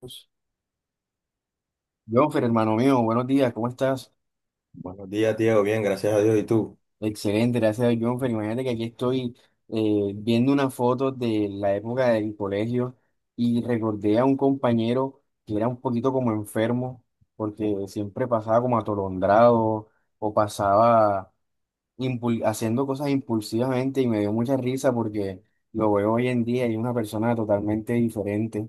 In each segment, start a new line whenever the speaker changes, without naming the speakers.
Dios. Jonfer, hermano mío, buenos días, ¿cómo estás?
Buenos días, Diego. Bien, gracias a Dios. ¿Y tú?
Excelente, gracias, Jonfer. Imagínate que aquí estoy viendo una foto de la época del colegio y recordé a un compañero que era un poquito como enfermo, porque siempre pasaba como atolondrado o pasaba haciendo cosas impulsivamente, y me dio mucha risa porque lo veo hoy en día y es una persona totalmente diferente.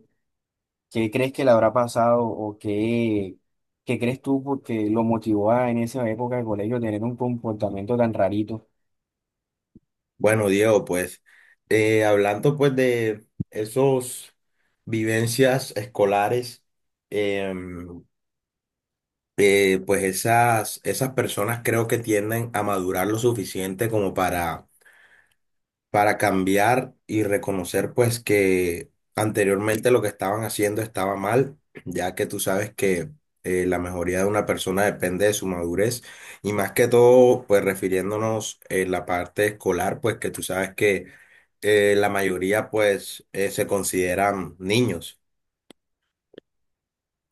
¿Qué crees que le habrá pasado o qué, qué crees tú porque lo motivó a en esa época de colegio tener un comportamiento tan rarito?
Bueno, Diego, pues hablando pues de esos vivencias escolares, em, pues esas personas creo que tienden a madurar lo suficiente como para cambiar y reconocer pues que anteriormente lo que estaban haciendo estaba mal, ya que tú sabes que la mejoría de una persona depende de su madurez y más que todo pues refiriéndonos en la parte escolar pues que tú sabes que la mayoría pues se consideran niños.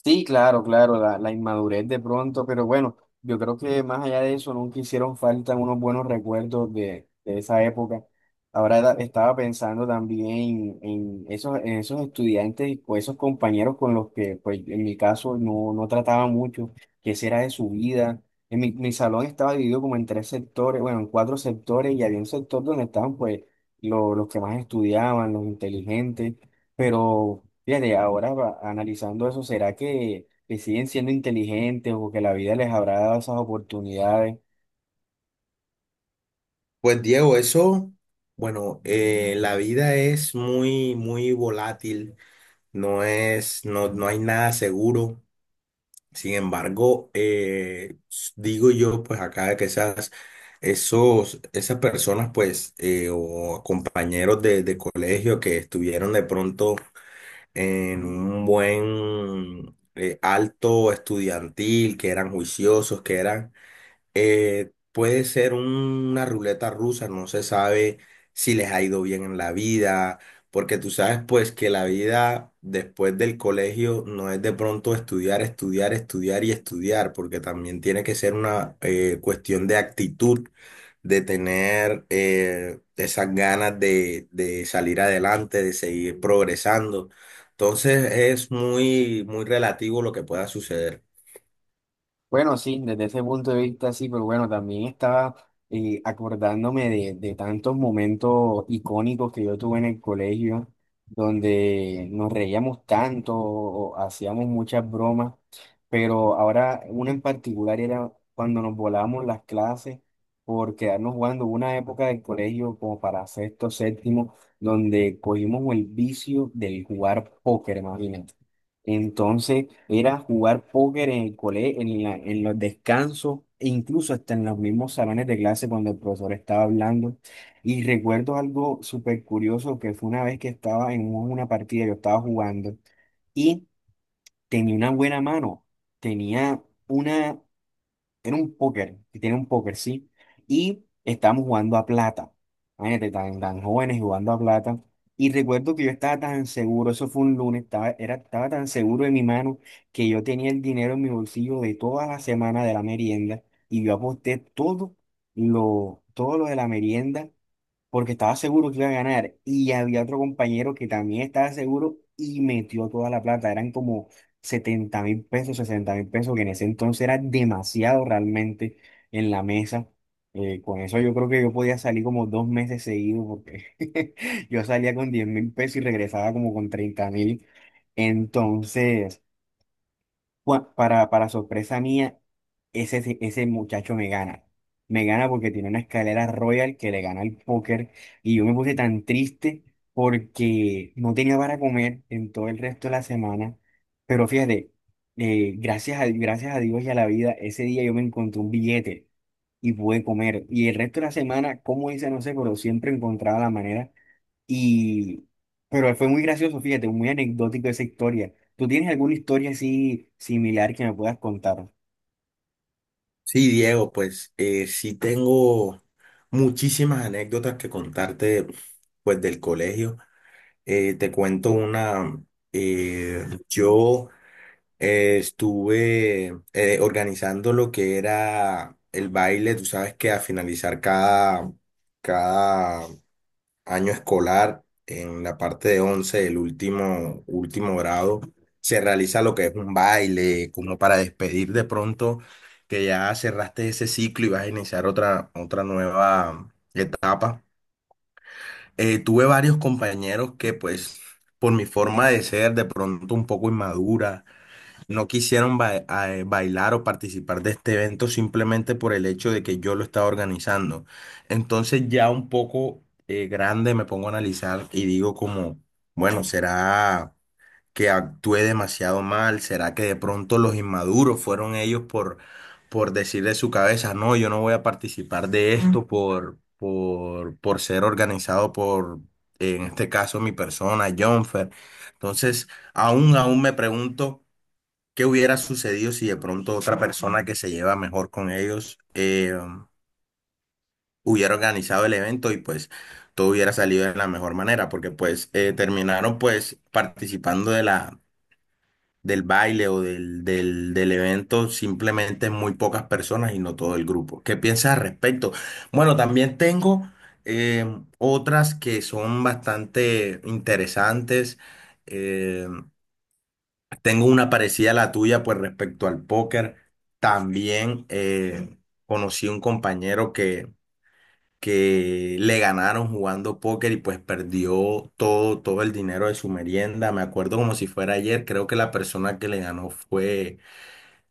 Sí, claro, claro, la inmadurez de pronto, pero bueno, yo creo que más allá de eso, nunca hicieron falta unos buenos recuerdos de esa época. Estaba pensando también en esos estudiantes o esos compañeros con los que, pues en mi caso, no, no trataba mucho, qué será de su vida. En mi, mi salón estaba dividido como en tres sectores, bueno, en cuatro sectores, y había un sector donde estaban, pues, los que más estudiaban, los inteligentes. Pero fíjate, ahora analizando eso, ¿será que siguen siendo inteligentes o que la vida les habrá dado esas oportunidades?
Pues Diego, eso, bueno, la vida es muy, muy volátil, no no hay nada seguro. Sin embargo, digo yo, pues acá que esas personas, pues, o compañeros de colegio que estuvieron de pronto en un buen alto estudiantil, que eran juiciosos, que eran, puede ser una ruleta rusa, no se sabe si les ha ido bien en la vida, porque tú sabes pues que la vida después del colegio no es de pronto estudiar, estudiar, estudiar y estudiar, porque también tiene que ser una cuestión de actitud, de tener esas ganas de salir adelante, de seguir progresando. Entonces es muy, muy relativo lo que pueda suceder.
Bueno, sí, desde ese punto de vista sí, pero bueno, también estaba acordándome de tantos momentos icónicos que yo tuve en el colegio, donde nos reíamos tanto, o hacíamos muchas bromas, pero ahora una en particular era cuando nos volábamos las clases por quedarnos jugando. Hubo una época del colegio como para sexto, séptimo, donde cogimos el vicio del jugar póker, imagínate. Entonces era jugar póker en el colegio, en en los descansos, e incluso hasta en los mismos salones de clase cuando el profesor estaba hablando. Y recuerdo algo súper curioso que fue una vez que estaba en una partida, yo estaba jugando y tenía una buena mano, tenía una, era un póker, que tiene un póker, sí. Y estábamos jugando a plata. Imagínate, tan, tan jóvenes jugando a plata. Y recuerdo que yo estaba tan seguro, eso fue un lunes, estaba, era, estaba tan seguro de mi mano que yo tenía el dinero en mi bolsillo de toda la semana de la merienda. Y yo aposté todo lo de la merienda porque estaba seguro que iba a ganar, y había otro compañero que también estaba seguro y metió toda la plata, eran como 70.000 pesos, 60.000 pesos, que en ese entonces era demasiado realmente, en la mesa. Con eso yo creo que yo podía salir como dos meses seguidos porque yo salía con 10.000 pesos y regresaba como con 30.000. Entonces... Bueno, para sorpresa mía, ese, ese muchacho me gana. Me gana porque tiene una escalera royal que le gana el póker. Y yo me puse tan triste porque no tenía para comer en todo el resto de la semana. Pero fíjate, gracias a, gracias a Dios y a la vida, ese día yo me encontré un billete y pude comer. Y el resto de la semana, como hice, no sé, pero siempre encontraba la manera, y, pero fue muy gracioso, fíjate, muy anecdótico esa historia. ¿Tú tienes alguna historia así similar que me puedas contar?
Sí, Diego, pues sí tengo muchísimas anécdotas que contarte, pues del colegio. Te cuento una, yo estuve organizando lo que era el baile, tú sabes que a finalizar cada año escolar, en la parte de 11 el último grado, se realiza lo que es un baile, como para despedir de pronto que ya cerraste ese ciclo y vas a iniciar otra nueva etapa. Tuve varios compañeros que pues por mi forma de ser de pronto un poco inmadura, no quisieron bailar o participar de este evento simplemente por el hecho de que yo lo estaba organizando. Entonces ya un poco grande me pongo a analizar y digo como, bueno, ¿será que actué demasiado mal? ¿Será que de pronto los inmaduros fueron ellos por decir de su cabeza, no, yo no voy a participar de esto por ser organizado por, en este caso, mi persona, Jonfer? Entonces, aún me pregunto. ¿Qué hubiera sucedido si de pronto otra persona que se lleva mejor con ellos hubiera organizado el evento y pues todo hubiera salido de la mejor manera? Porque pues terminaron pues participando de del baile o del evento simplemente muy pocas personas y no todo el grupo. ¿Qué piensas al respecto? Bueno, también tengo eh, otras que son bastante interesantes. eh, Tengo una parecida a la tuya, pues respecto al póker. También conocí un compañero que le ganaron jugando póker y pues perdió todo, todo el dinero de su merienda. Me acuerdo como si fuera ayer. Creo que la persona que le ganó fue,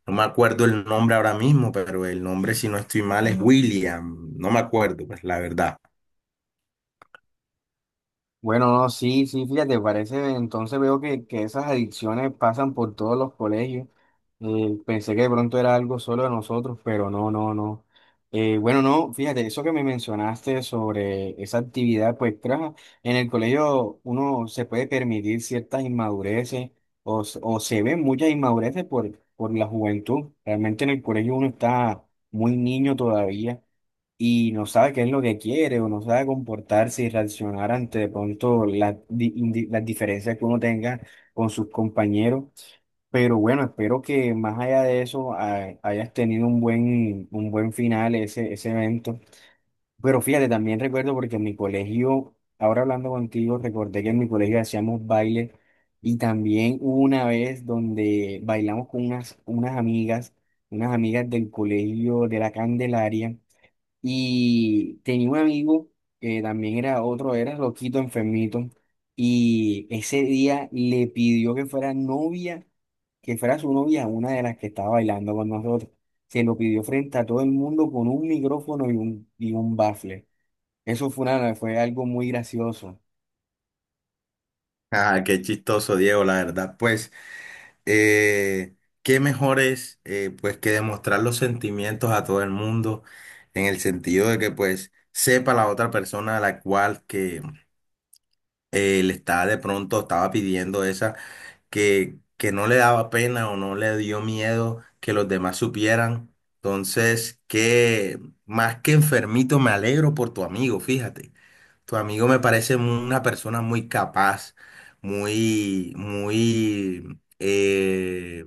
no me acuerdo el nombre ahora mismo, pero el nombre, si no estoy mal, es William. No me acuerdo, pues la verdad.
Bueno, no, sí, sí, fíjate, parece, entonces veo que esas adicciones pasan por todos los colegios. Pensé que de pronto era algo solo de nosotros, pero no, no, no. Bueno, no, fíjate, eso que me mencionaste sobre esa actividad, pues claro, en el colegio uno se puede permitir ciertas inmadureces o, o se ven muchas inmadureces por la juventud. Realmente en el colegio uno está muy niño todavía y no sabe qué es lo que quiere o no sabe comportarse y reaccionar ante de pronto las, las diferencias que uno tenga con sus compañeros. Pero bueno, espero que más allá de eso hayas tenido un buen final ese, ese evento. Pero fíjate, también recuerdo porque en mi colegio, ahora hablando contigo, recordé que en mi colegio hacíamos baile y también hubo una vez donde bailamos con unas, unas amigas del colegio de la Candelaria. Y tenía un amigo que también era otro, era loquito, enfermito. Y ese día le pidió que fuera novia, que fuera su novia, una de las que estaba bailando con nosotros. Se lo pidió frente a todo el mundo con un micrófono y un bafle. Eso fue, una, fue algo muy gracioso.
Ah, qué chistoso, Diego, la verdad. Pues. eh, qué mejor es pues que demostrar los sentimientos a todo el mundo en el sentido de que pues sepa la otra persona a la cual que le estaba de pronto estaba pidiendo esa que no le daba pena o no le dio miedo que los demás supieran. Entonces, que más que enfermito, me alegro por tu amigo, fíjate. Tu amigo me parece una persona muy capaz, muy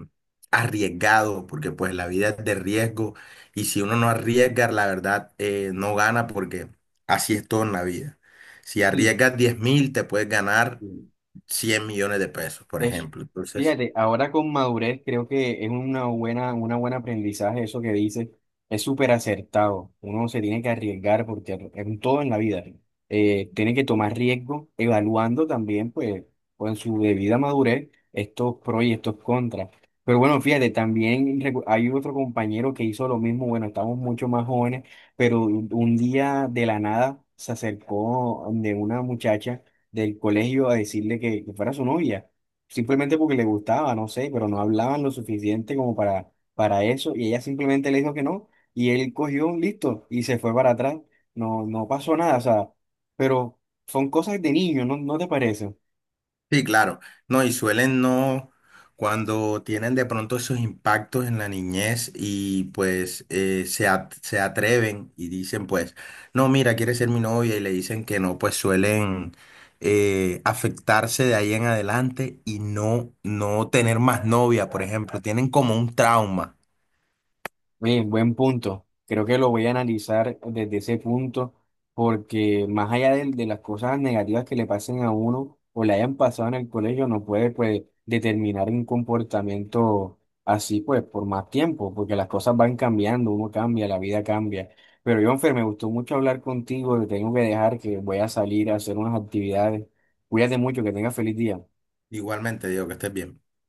arriesgado, porque pues la vida es de riesgo y si uno no arriesga, la verdad no gana porque así es todo en la vida. Si arriesgas 10.000, te puedes ganar
Sí.
100 millones de pesos, por
Es,
ejemplo. Entonces,
fíjate, ahora con madurez creo que es una buena aprendizaje eso que dices. Es súper acertado. Uno se tiene que arriesgar porque en todo en la vida tiene que tomar riesgo, evaluando también, pues, con su debida madurez, estos pros y estos contras. Pero bueno, fíjate, también hay otro compañero que hizo lo mismo. Bueno, estamos mucho más jóvenes, pero un día de la nada se acercó de una muchacha del colegio a decirle que fuera su novia simplemente porque le gustaba, no sé, pero no hablaban lo suficiente como para eso, y ella simplemente le dijo que no, y él cogió un listo y se fue para atrás, no, no pasó nada, o sea, pero son cosas de niño, ¿no, no te parece?
sí, claro. No, y suelen no, cuando tienen de pronto esos impactos en la niñez y pues se atreven y dicen pues, no, mira, quiere ser mi novia y le dicen que no, pues suelen afectarse de ahí en adelante y no, no tener más novia, por ejemplo. Tienen como un trauma.
Bien, buen punto. Creo que lo voy a analizar desde ese punto, porque más allá de, las cosas negativas que le pasen a uno o le hayan pasado en el colegio, no puede pues determinar un comportamiento así pues por más tiempo, porque las cosas van cambiando, uno cambia, la vida cambia. Pero Jonfer, me gustó mucho hablar contigo, te tengo que dejar que voy a salir a hacer unas actividades. Cuídate mucho, que tengas feliz día.
Igualmente, digo que estés bien.